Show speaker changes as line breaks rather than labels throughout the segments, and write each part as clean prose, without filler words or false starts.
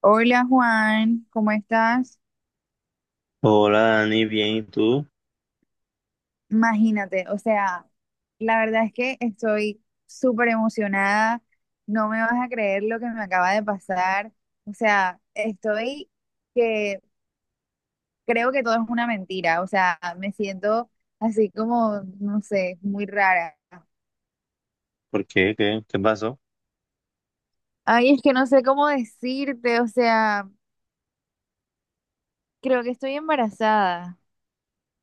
Hola Juan, ¿cómo estás?
Hola Dani, bien, ¿y tú?
Imagínate, o sea, la verdad es que estoy súper emocionada, no me vas a creer lo que me acaba de pasar, o sea, estoy que creo que todo es una mentira, o sea, me siento así como, no sé, muy rara.
¿Por qué? ¿¿Qué pasó?
Ay, es que no sé cómo decirte, o sea, creo que estoy embarazada.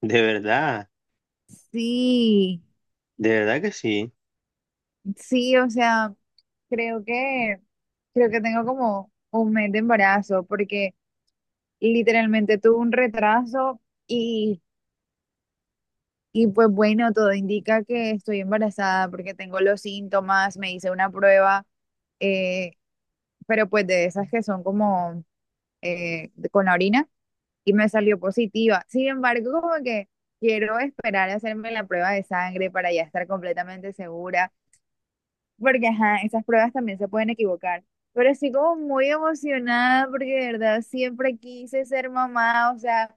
De verdad,
Sí.
de verdad que sí.
Sí, o sea, creo que creo que tengo como un mes de embarazo porque literalmente tuve un retraso y, y pues bueno, todo indica que estoy embarazada porque tengo los síntomas, me hice una prueba, eh, pero pues de esas que son como con la orina y me salió positiva. Sin embargo, como que quiero esperar a hacerme la prueba de sangre para ya estar completamente segura porque ajá, esas pruebas también se pueden equivocar. Pero estoy como muy emocionada porque de verdad siempre quise ser mamá, o sea,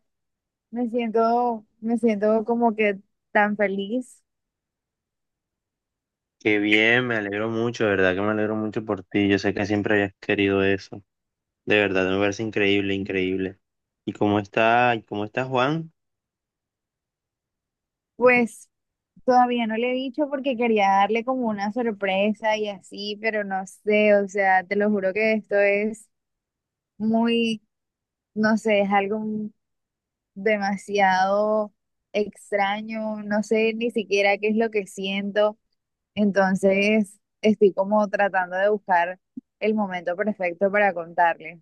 me siento como que tan feliz.
Qué bien, me alegro mucho, de verdad que me alegro mucho por ti. Yo sé que siempre habías querido eso. De verdad, me parece increíble, increíble. Y cómo está Juan?
Pues todavía no le he dicho porque quería darle como una sorpresa y así, pero no sé, o sea, te lo juro que esto es muy, no sé, es algo demasiado extraño, no sé ni siquiera qué es lo que siento. Entonces, estoy como tratando de buscar el momento perfecto para contarle.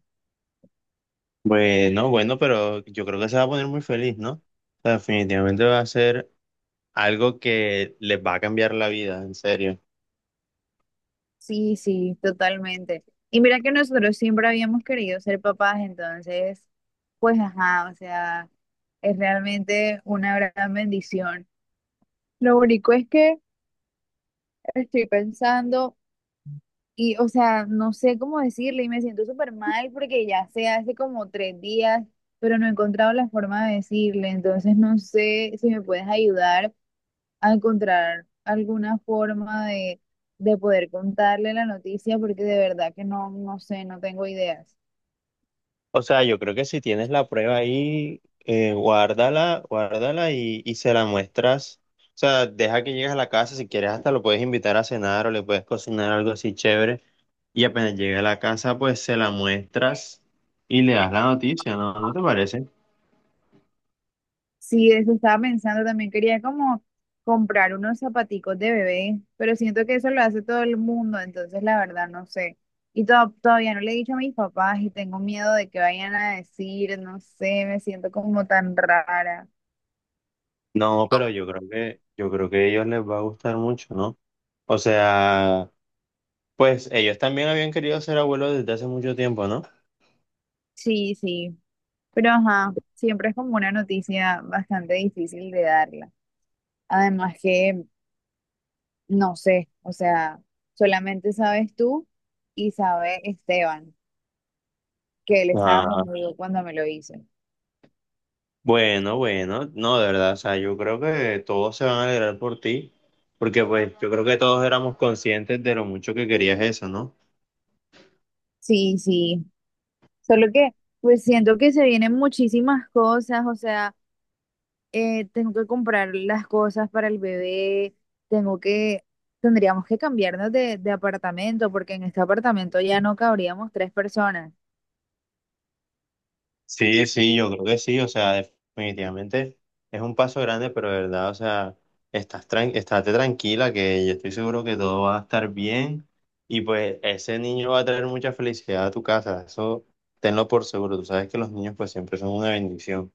Bueno, bueno, pero yo creo que se va a poner muy feliz, ¿no? O sea, definitivamente va a ser algo que les va a cambiar la vida, en serio.
Sí, sí, totalmente. Y mira que nosotros siempre habíamos querido ser papás, entonces, pues ajá, o sea, es realmente una gran bendición. Lo único es que estoy pensando y, o sea, no sé cómo decirle y me siento súper mal porque ya se hace como 3 días, pero no he encontrado la forma de decirle, entonces no sé si me puedes ayudar a encontrar alguna forma de poder contarle la noticia porque de verdad que no, no sé, no tengo ideas.
O sea, yo creo que si tienes la prueba ahí, guárdala, guárdala y se la muestras. O sea, deja que llegues a la casa, si quieres hasta lo puedes invitar a cenar o le puedes cocinar algo así chévere. Y apenas llegue a la casa, pues se la muestras y le das la noticia, ¿no? ¿No te parece?
Sí, eso estaba pensando, también quería como comprar unos zapaticos de bebé, pero siento que eso lo hace todo el mundo, entonces la verdad no sé. Y todavía no le he dicho a mis papás y tengo miedo de que vayan a decir, no sé, me siento como tan rara.
No, pero yo creo que a ellos les va a gustar mucho, ¿no? O sea, pues ellos también habían querido ser abuelos desde hace mucho tiempo, ¿no?
Sí, sí, pero ajá, siempre es como una noticia bastante difícil de darla. Además que no sé, o sea, solamente sabes tú y sabe Esteban, que él estaba conmigo cuando me lo hizo.
Bueno, bueno, no, de verdad, o sea, yo creo que todos se van a alegrar por ti, porque pues yo creo que todos éramos conscientes de lo mucho que querías eso, ¿no?
Sí, sí, solo que pues siento que se vienen muchísimas cosas, o sea, tengo que comprar las cosas para el bebé, tengo que, tendríamos que cambiarnos de apartamento porque en este apartamento ya no cabríamos tres personas.
Sí, sí, yo creo que sí, o sea, definitivamente es un paso grande, pero de verdad, o sea, estás tran estate tranquila que yo estoy seguro que todo va a estar bien y pues ese niño va a traer mucha felicidad a tu casa, eso tenlo por seguro, tú sabes que los niños pues siempre son una bendición.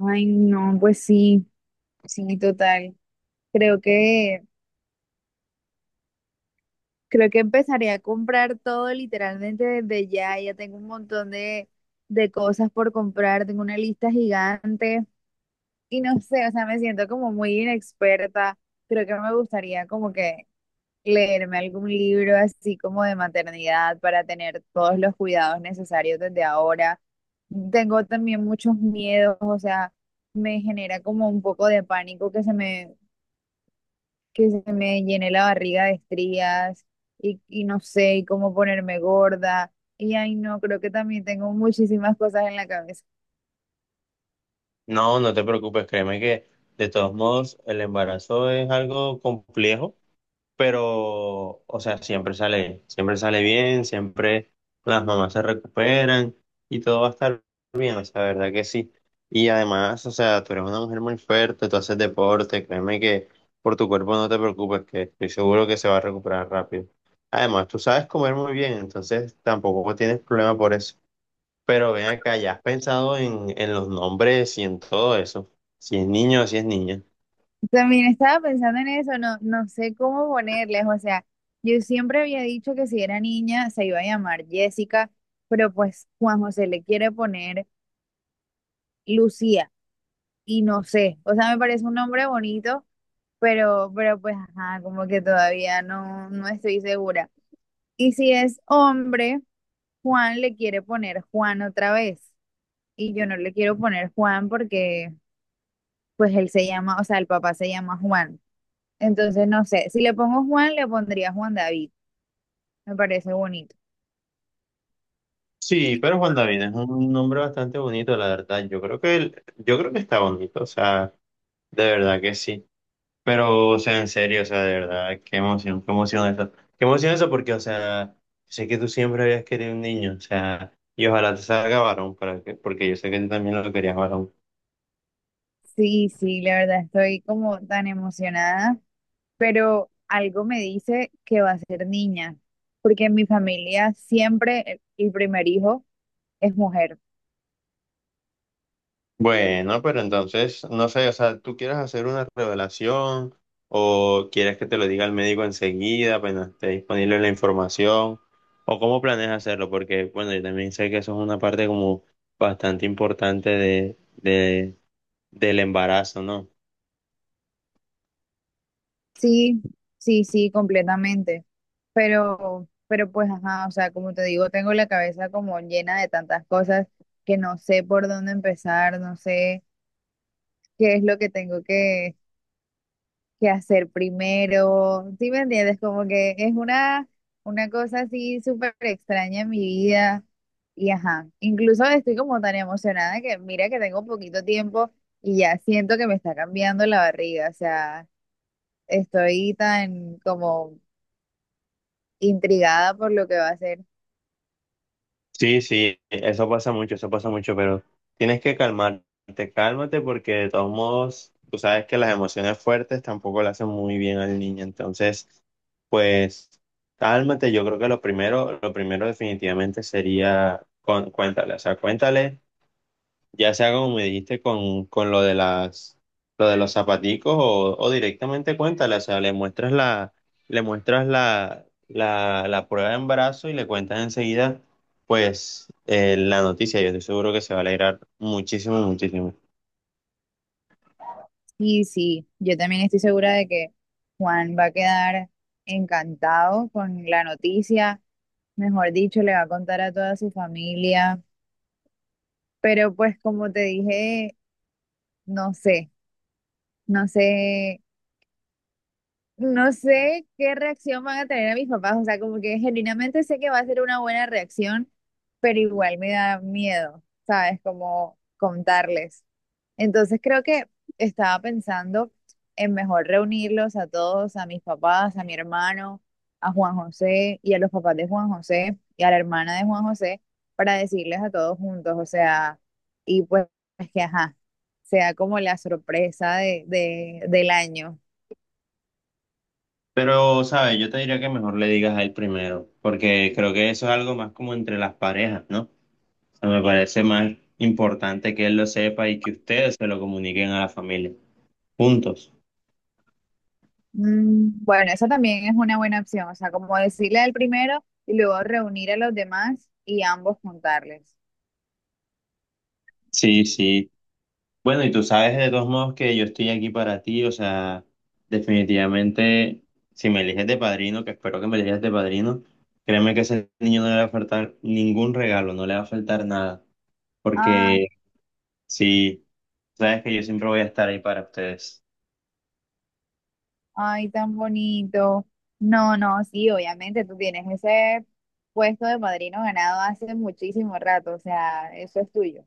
Ay, no, pues sí, sí, total. Creo que Creo que empezaré a comprar todo literalmente desde ya. Ya tengo un montón de cosas por comprar, tengo una lista gigante y no sé, o sea, me siento como muy inexperta. Creo que me gustaría como que leerme algún libro así como de maternidad para tener todos los cuidados necesarios desde ahora. Tengo también muchos miedos, o sea, me genera como un poco de pánico que se me llené la barriga de estrías y no sé, y cómo ponerme gorda. Y ay, no, creo que también tengo muchísimas cosas en la cabeza.
No, no te preocupes, créeme que de todos modos el embarazo es algo complejo, pero, o sea, siempre sale bien, siempre las mamás se recuperan y todo va a estar bien, o sea, verdad que sí. Y además, o sea, tú eres una mujer muy fuerte, tú haces deporte, créeme que por tu cuerpo no te preocupes, que estoy seguro que se va a recuperar rápido. Además, tú sabes comer muy bien, entonces tampoco tienes problema por eso. Pero ven acá, ¿ya has pensado en los nombres y en todo eso? Si es niño o si es niña.
También estaba pensando en eso, no, no sé cómo ponerles, o sea, yo siempre había dicho que si era niña se iba a llamar Jessica, pero pues Juan José le quiere poner Lucía y no sé, o sea, me parece un nombre bonito, pero pues, ajá, como que todavía no, no estoy segura. Y si es hombre. Juan le quiere poner Juan otra vez y yo no le quiero poner Juan porque pues él se llama, o sea, el papá se llama Juan. Entonces, no sé, si le pongo Juan, le pondría Juan David. Me parece bonito.
Sí, pero Juan David es un nombre bastante bonito, la verdad. Yo creo que él- yo creo que está bonito, o sea, de verdad que sí. Pero, o sea, en serio, o sea, de verdad, qué emoción eso. Qué emoción eso porque, o sea, sé que tú siempre habías querido un niño, o sea, y ojalá te salga varón, para que, porque yo sé que tú también lo querías varón.
Sí, sí, la verdad estoy como tan emocionada, pero algo me dice que va a ser niña, porque en mi familia siempre el primer hijo es mujer.
Bueno, pero entonces, no sé, o sea, ¿tú quieres hacer una revelación o quieres que te lo diga el médico enseguida, apenas esté disponible la información? ¿O cómo planeas hacerlo? Porque, bueno, yo también sé que eso es una parte como bastante importante de, del embarazo, ¿no?
Sí, sí, sí, completamente. Pero pues, ajá, o sea, como te digo, tengo la cabeza como llena de tantas cosas que no sé por dónde empezar, no sé qué es lo que tengo que hacer primero. ¿Sí me entiendes? Como que es una cosa así súper extraña en mi vida. Y ajá, incluso estoy como tan emocionada que mira que tengo poquito tiempo y ya siento que me está cambiando la barriga, o sea, estoy tan como intrigada por lo que va a hacer.
Sí, sí, eso pasa mucho, pero tienes que calmarte, cálmate porque de todos modos, tú sabes que las emociones fuertes tampoco le hacen muy bien al niño, entonces, pues, cálmate, yo creo que lo primero definitivamente sería, con- cuéntale, o sea, cuéntale. Ya sea como me dijiste con lo de las, lo de los zapaticos o directamente cuéntale, o sea, le muestras la, la, la prueba de embarazo y le cuentas enseguida, pues, la noticia. Yo estoy seguro que se va a alegrar muchísimo, muchísimo.
Y sí, yo también estoy segura de que Juan va a quedar encantado con la noticia, mejor dicho, le va a contar a toda su familia, pero pues como te dije, no sé, no sé No sé qué reacción van a tener a mis papás, o sea, como que genuinamente sé que va a ser una buena reacción, pero igual me da miedo, ¿sabes? Como contarles. Entonces creo que estaba pensando en mejor reunirlos a todos, a mis papás, a mi hermano, a Juan José y a los papás de Juan José y a la hermana de Juan José para decirles a todos juntos, o sea, y pues que ajá, sea como la sorpresa del año.
Pero, ¿sabes? Yo te diría que mejor le digas a él primero, porque creo que eso es algo más como entre las parejas, ¿no? O sea, me parece más importante que él lo sepa y que ustedes se lo comuniquen a la familia, juntos.
Mm. Bueno, esa también es una buena opción, o sea, como decirle al primero y luego reunir a los demás y ambos juntarles.
Sí, sí. Bueno, y tú sabes de todos modos que yo estoy aquí para ti, o sea, definitivamente, si me eliges de padrino, que espero que me elijas de padrino, créeme que ese niño no le va a faltar ningún regalo, no le va a faltar nada,
Ay,
porque sí, sabes que yo siempre voy a estar ahí para ustedes.
ay, tan bonito. No, no, sí, obviamente tú tienes ese puesto de padrino ganado hace muchísimo rato, o sea, eso es tuyo.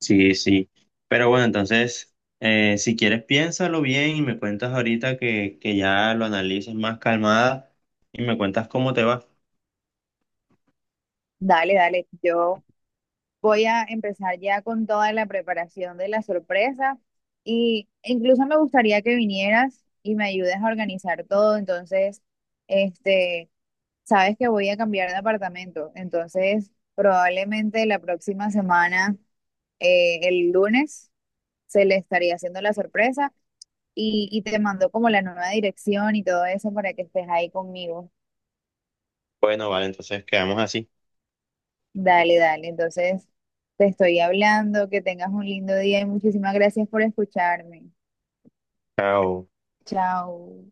Sí, sí. Pero bueno, entonces, si quieres, piénsalo bien y me cuentas ahorita que ya lo analices más calmada y me cuentas cómo te va.
Dale, dale, yo voy a empezar ya con toda la preparación de la sorpresa y incluso me gustaría que vinieras y me ayudes a organizar todo, entonces, este... sabes que voy a cambiar de apartamento, entonces probablemente la próxima semana, el lunes, se le estaría haciendo la sorpresa y te mando como la nueva dirección y todo eso para que estés ahí conmigo.
Bueno, vale, entonces quedamos así.
Dale, dale, entonces te estoy hablando, que tengas un lindo día y muchísimas gracias por escucharme.
Chao.
Chao.